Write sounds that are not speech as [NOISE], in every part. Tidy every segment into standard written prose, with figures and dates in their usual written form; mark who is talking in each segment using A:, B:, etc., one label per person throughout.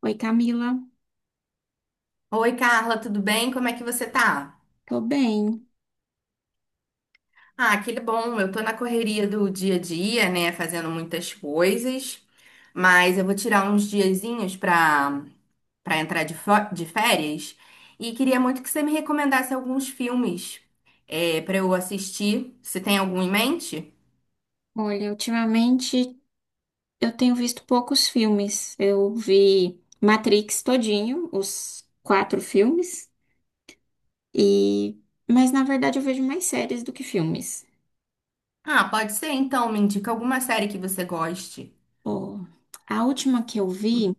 A: Oi, Camila.
B: Oi, Carla, tudo bem? Como é que você tá?
A: Tô bem.
B: Ah, que bom. Eu tô na correria do dia a dia, né, fazendo muitas coisas, mas eu vou tirar uns diazinhos pra entrar de férias e queria muito que você me recomendasse alguns filmes pra eu assistir. Você tem algum em mente?
A: Olha, ultimamente eu tenho visto poucos filmes. Eu vi Matrix todinho, os quatro filmes, e mas na verdade eu vejo mais séries do que filmes.
B: Ah, pode ser então. Me indica alguma série que você goste.
A: Ó, a última que eu vi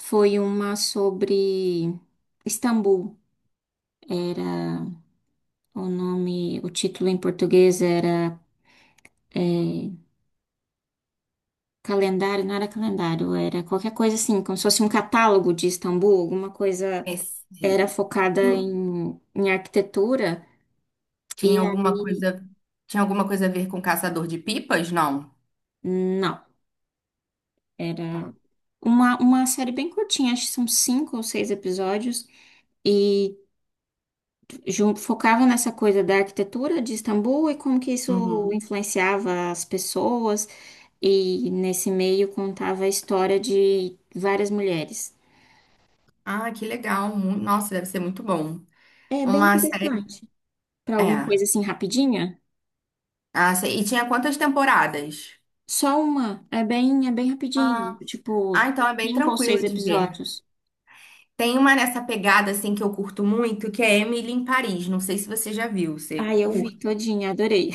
A: foi uma sobre Istambul. Era o nome, o título em português era é, calendário, não era calendário, era qualquer coisa assim, como se fosse um catálogo de Istambul, alguma coisa
B: Esse-
A: era focada
B: Tinha,
A: em arquitetura, e
B: tinha alguma
A: aí,
B: coisa, tinha alguma coisa a ver com Caçador de Pipas? Não.
A: não, era
B: Tá.
A: uma série bem curtinha, acho que são cinco ou seis episódios, e focava nessa coisa da arquitetura de Istambul e como que isso
B: Uhum.
A: influenciava as pessoas, e nesse meio contava a história de várias mulheres.
B: Ah, que legal. Nossa, deve ser muito bom.
A: É bem
B: Uma série.
A: interessante. Para alguma
B: É.
A: coisa assim rapidinha?
B: Ah, sei. E tinha quantas temporadas?
A: Só uma. É bem rapidinho,
B: Ah, ah,
A: tipo,
B: então é bem
A: cinco ou seis
B: tranquilo de ver.
A: episódios.
B: Tem uma nessa pegada, assim, que eu curto muito, que é Emily em Paris. Não sei se você já viu. Você
A: Ai, eu vi
B: curte?
A: todinha, adorei.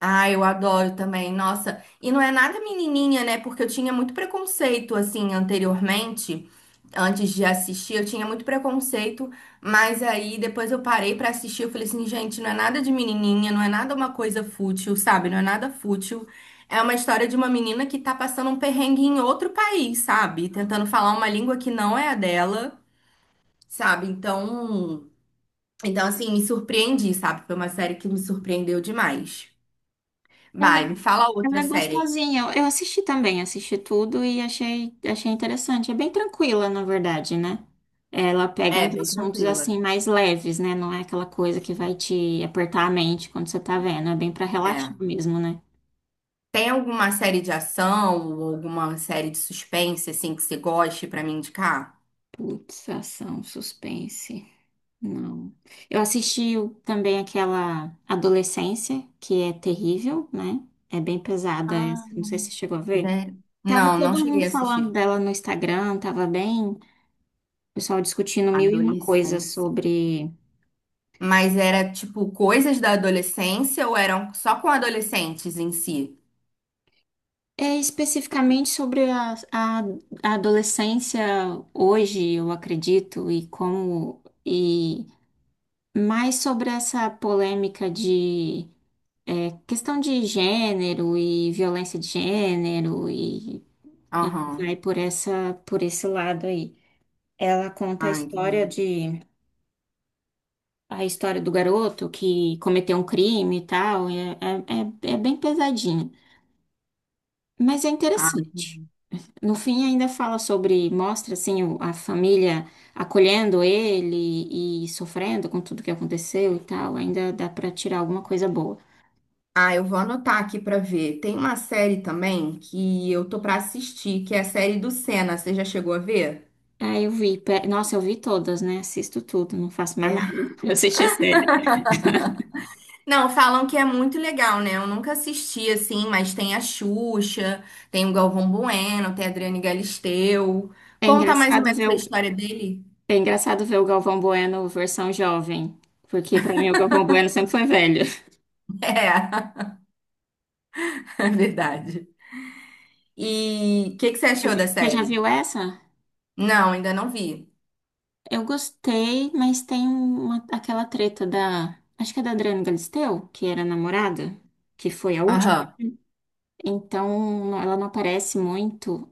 B: Ah, eu adoro também, nossa. E não é nada menininha, né? Porque eu tinha muito preconceito, assim, anteriormente, antes de assistir, eu tinha muito preconceito, mas aí depois eu parei pra assistir, eu falei assim, gente, não é nada de menininha, não é nada uma coisa fútil, sabe? Não é nada fútil. É uma história de uma menina que tá passando um perrengue em outro país, sabe? Tentando falar uma língua que não é a dela, sabe? Então assim, me surpreendi, sabe? Foi uma série que me surpreendeu demais.
A: Ela,
B: Vai, me fala
A: ela é
B: outra série.
A: gostosinha. Eu assisti também, assisti tudo e achei interessante. É bem tranquila, na verdade, né? Ela pega
B: É,
A: uns
B: bem
A: assuntos
B: tranquila.
A: assim mais leves, né? Não é aquela coisa que vai te apertar a mente quando você tá vendo. É bem pra relaxar
B: É.
A: mesmo, né?
B: Tem alguma série de ação ou alguma série de suspense, assim, que você goste pra me indicar?
A: Putz, ação, suspense. Não. Também aquela Adolescência, que é terrível, né? É bem pesada
B: Ah,
A: essa. Não sei se você chegou a ver.
B: sério?
A: Tava
B: Não, não
A: todo
B: cheguei
A: mundo
B: a
A: falando
B: assistir.
A: dela no Instagram, tava bem, o pessoal discutindo mil e uma coisas
B: Adolescência.
A: sobre,
B: Mas era, tipo, coisas da adolescência ou eram só com adolescentes em si?
A: especificamente sobre a adolescência hoje, eu acredito, e como, e mais sobre essa polêmica de, questão de gênero e violência de gênero e vai
B: Aham.
A: por essa, por esse lado aí. Ela conta a
B: Ah,
A: história
B: entendi.
A: de A história do garoto que cometeu um crime e tal, é bem pesadinha, mas é
B: Ah,
A: interessante.
B: entendi.
A: No fim, ainda fala sobre, mostra assim a família acolhendo ele e sofrendo com tudo que aconteceu e tal, ainda dá pra tirar alguma coisa boa.
B: Ah, eu vou anotar aqui pra ver. Tem uma série também que eu tô pra assistir, que é a série do Senna. Você já chegou a ver?
A: Aí eu vi, pe- nossa, eu vi todas, né? Assisto tudo, não faço mais nada,
B: É.
A: [LAUGHS] eu assisti a série.
B: Não, falam que é muito legal, né? Eu nunca assisti assim, mas tem a Xuxa, tem o Galvão Bueno, tem a Adriane Galisteu.
A: É
B: Conta mais ou
A: engraçado ver
B: menos a
A: o,
B: história dele.
A: é engraçado ver o Galvão Bueno versão jovem, porque pra mim o Galvão Bueno sempre foi velho.
B: [LAUGHS] É, é verdade. E o que que você achou da
A: [LAUGHS] Você já
B: série?
A: viu essa?
B: Não, ainda não vi.
A: Eu gostei, mas tem uma, aquela treta da. Acho que é da Adriana Galisteu, que era a namorada, que foi a última.
B: Aham.
A: Então, ela não aparece muito.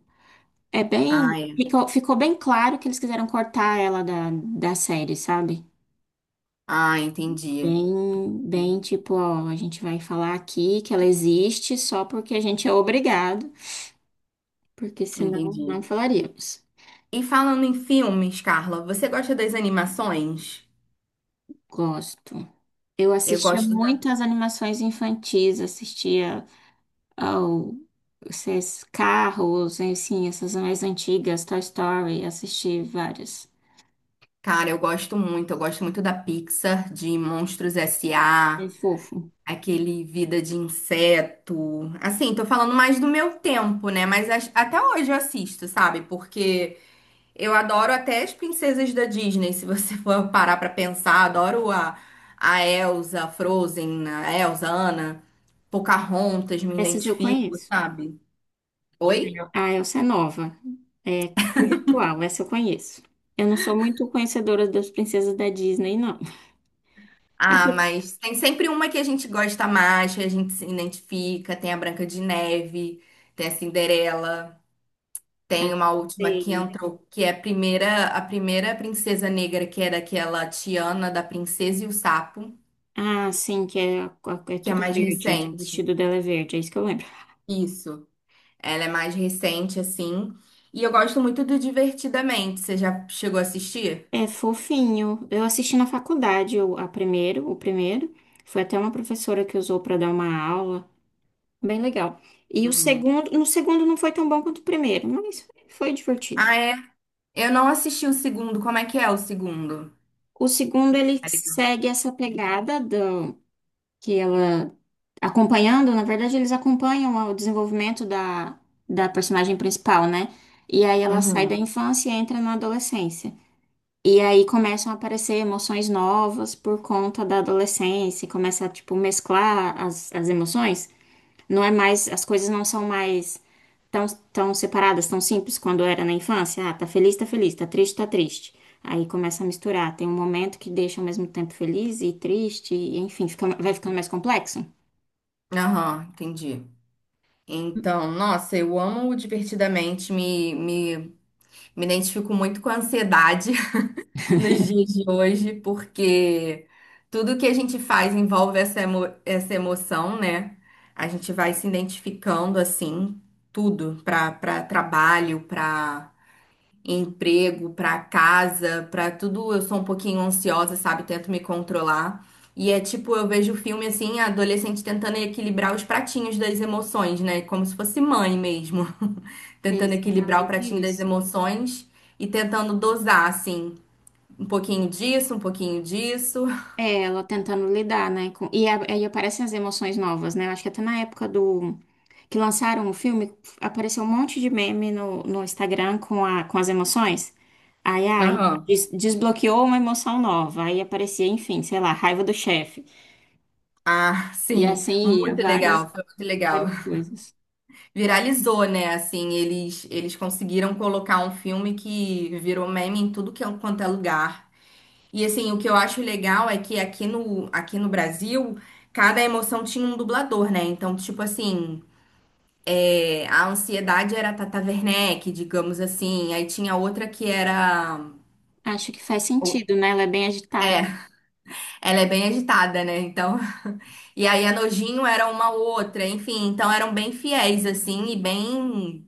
A: É bem.
B: Ah, é.
A: Ficou bem claro que eles quiseram cortar ela da série, sabe?
B: Ah, entendi.
A: Bem tipo, ó, a gente vai falar aqui que ela existe só porque a gente é obrigado, porque senão não
B: Entendi.
A: falaríamos.
B: E falando em filmes, Carla, você gosta das animações?
A: Gosto. Eu
B: Eu
A: assistia
B: gosto da.
A: muito às animações infantis, assistia. Ou esses carros, assim, essas mais antigas, Toy Story, assisti várias.
B: Cara, eu gosto muito. Eu gosto muito da Pixar, de Monstros
A: É
B: S.A.
A: fofo.
B: Aquele vida de inseto. Assim, tô falando mais do meu tempo, né? Mas até hoje eu assisto, sabe? Porque eu adoro até as princesas da Disney, se você [LAUGHS] for parar pra pensar. A Elsa, a Elsa, a Anna, Pocahontas, me
A: Essas eu
B: identifico,
A: conheço.
B: sabe? Oi?
A: Ah, essa é nova. É conceitual, essa eu conheço. Eu não sou muito conhecedora das princesas da Disney, não. A
B: Ah,
A: pri-
B: mas tem sempre uma que a gente gosta mais, que a gente se identifica. Tem a Branca de Neve, tem a Cinderela.
A: Ah,
B: Tem uma última que
A: sei.
B: entrou, que é a primeira princesa negra, que era aquela Tiana da Princesa e o Sapo,
A: Ah, sim, que é, é
B: que é
A: tudo
B: mais
A: verde, que o
B: recente.
A: vestido dela é verde, é isso que eu lembro.
B: Isso. Ela é mais recente, assim. E eu gosto muito do Divertidamente. Você já chegou a assistir?
A: É fofinho. Eu assisti na faculdade o primeiro. Foi até uma professora que usou para dar uma aula. Bem legal. E o
B: Uhum.
A: segundo, no segundo não foi tão bom quanto o primeiro, mas foi divertido.
B: Ah, é? Eu não assisti o segundo. Como é que é o segundo?
A: O segundo ele
B: Tá legal.
A: segue essa pegada do que ela acompanhando, na verdade eles acompanham o desenvolvimento da personagem principal, né? E aí ela sai da
B: Uhum.
A: infância e entra na adolescência. E aí começam a aparecer emoções novas por conta da adolescência, começa a tipo mesclar as emoções. Não é mais, as coisas não são mais tão, tão separadas, tão simples quando era na infância. Ah, tá feliz, tá feliz, tá triste, tá triste. Aí começa a misturar. Tem um momento que deixa ao mesmo tempo feliz e triste, e, enfim, fica, vai ficando mais complexo.
B: Aham, entendi. Então, nossa, eu amo o Divertidamente, me identifico muito com a ansiedade nos dias de hoje, porque tudo que a gente faz envolve essa emoção, né? A gente vai se identificando assim, tudo, para trabalho, para emprego, para casa, para tudo. Eu sou um pouquinho ansiosa, sabe? Tento me controlar. E é tipo, eu vejo o filme assim, a adolescente tentando equilibrar os pratinhos das emoções, né? Como se fosse mãe mesmo. [LAUGHS] Tentando equilibrar o
A: Exatamente
B: pratinho das
A: isso.
B: emoções e tentando dosar, assim. Um pouquinho disso, um pouquinho disso.
A: É, ela tentando lidar, né? Aí aparecem as emoções novas, né? Eu acho que até na época do que lançaram o filme, apareceu um monte de meme no Instagram com as emoções. Aí, ai,
B: Aham.
A: Desbloqueou uma emoção nova. Aí aparecia, enfim, sei lá, raiva do chefe.
B: Ah,
A: E
B: sim,
A: assim ia,
B: muito legal, foi muito legal.
A: várias coisas.
B: Viralizou, né? Assim, eles conseguiram colocar um filme que virou meme em tudo que quanto é lugar. E assim, o que eu acho legal é que aqui aqui no Brasil, cada emoção tinha um dublador, né? Então, tipo assim, a ansiedade era a Tata Werneck, digamos assim. Aí tinha outra que era.
A: Acho que faz sentido, né? Ela é bem agitada.
B: Ela é bem agitada, né? Então. [LAUGHS] E aí a Nojinho era uma ou outra, enfim, então eram bem fiéis, assim, e bem.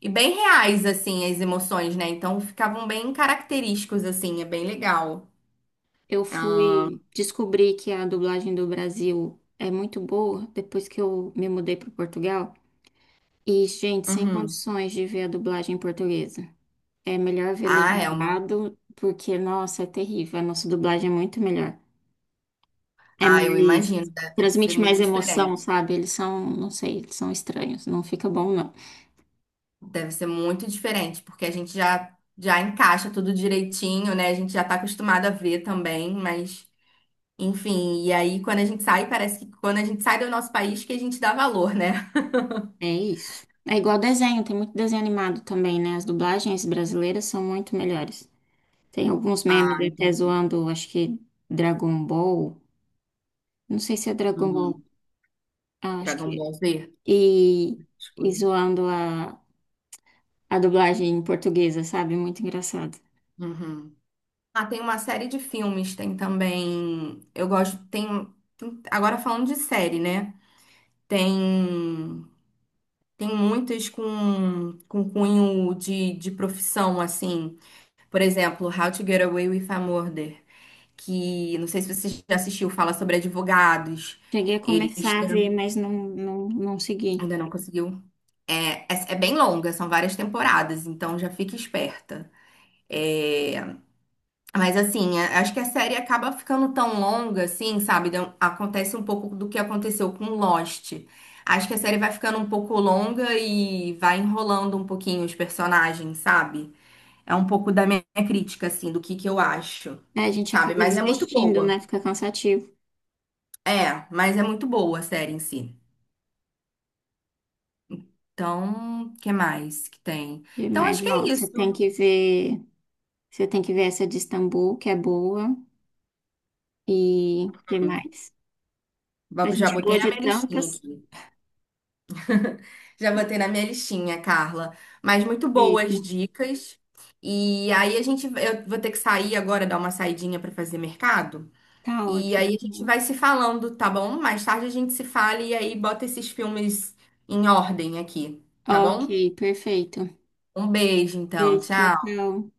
B: E bem reais, assim, as emoções, né? Então ficavam bem característicos, assim, é bem legal.
A: Eu
B: Ah,
A: fui descobrir que a dublagem do Brasil é muito boa depois que eu me mudei para Portugal. E, gente, sem
B: uhum.
A: condições de ver a dublagem portuguesa. É melhor ver
B: Ah, Elma.
A: legendado, porque, nossa, é terrível. A nossa dublagem é muito melhor. É
B: Ah, eu
A: mais.
B: imagino, deve ser
A: Transmite mais
B: muito
A: emoção,
B: diferente.
A: sabe? Eles são, não sei, eles são estranhos. Não fica bom, não.
B: Deve ser muito diferente, porque a gente já encaixa tudo direitinho, né? A gente já tá acostumado a ver também, mas. Enfim, e aí quando a gente sai, parece que quando a gente sai do nosso país que a gente dá valor, né?
A: É isso. É igual desenho, tem muito desenho animado também, né? As dublagens brasileiras são muito melhores. Tem alguns memes
B: Ah,
A: até
B: entendi.
A: zoando, acho que Dragon Ball. Não sei se é Dragon Ball.
B: Uhum.
A: Ah, acho que.
B: Dragon
A: É.
B: Ball Z, as
A: E
B: coisas.
A: zoando a dublagem portuguesa, sabe? Muito engraçado.
B: Uhum. Ah, tem uma série de filmes, tem também. Eu gosto, tem. Agora falando de série, né? Tem. Tem muitas com cunho de profissão, assim. Por exemplo, How to Get Away with a Murder, que não sei se você já assistiu, fala sobre advogados.
A: Cheguei a
B: Eles
A: começar a ver,
B: tentam-
A: mas não segui.
B: ainda não conseguiu. É, é bem longa, são várias temporadas, então já fica esperta. É, mas assim, acho que a série acaba ficando tão longa, assim, sabe? Acontece um pouco do que aconteceu com Lost. Acho que a série vai ficando um pouco longa e vai enrolando um pouquinho os personagens, sabe? É um pouco da minha crítica, assim, do que eu acho,
A: Aí a gente
B: sabe?
A: acaba
B: Mas é muito
A: desistindo, né?
B: boa.
A: Fica cansativo.
B: É, mas é muito boa a série em si. Então, o que mais que tem?
A: E
B: Então,
A: mais,
B: acho que
A: ó,
B: é isso.
A: você tem que ver essa de Istambul, que é boa, e que mais? A
B: Já
A: gente falou
B: botei na
A: de
B: minha listinha
A: tantas.
B: aqui. Já botei na minha listinha, Carla. Mas muito boas
A: Perfeito.
B: dicas. E aí a gente, eu vou ter que sair agora, dar uma saidinha para fazer mercado.
A: Tá
B: E aí a gente
A: ótimo.
B: vai se falando, tá bom? Mais tarde a gente se fala e aí bota esses filmes em ordem aqui, tá
A: Ok,
B: bom?
A: perfeito.
B: Um beijo, então.
A: Beijo, tchau,
B: Tchau.
A: tchau.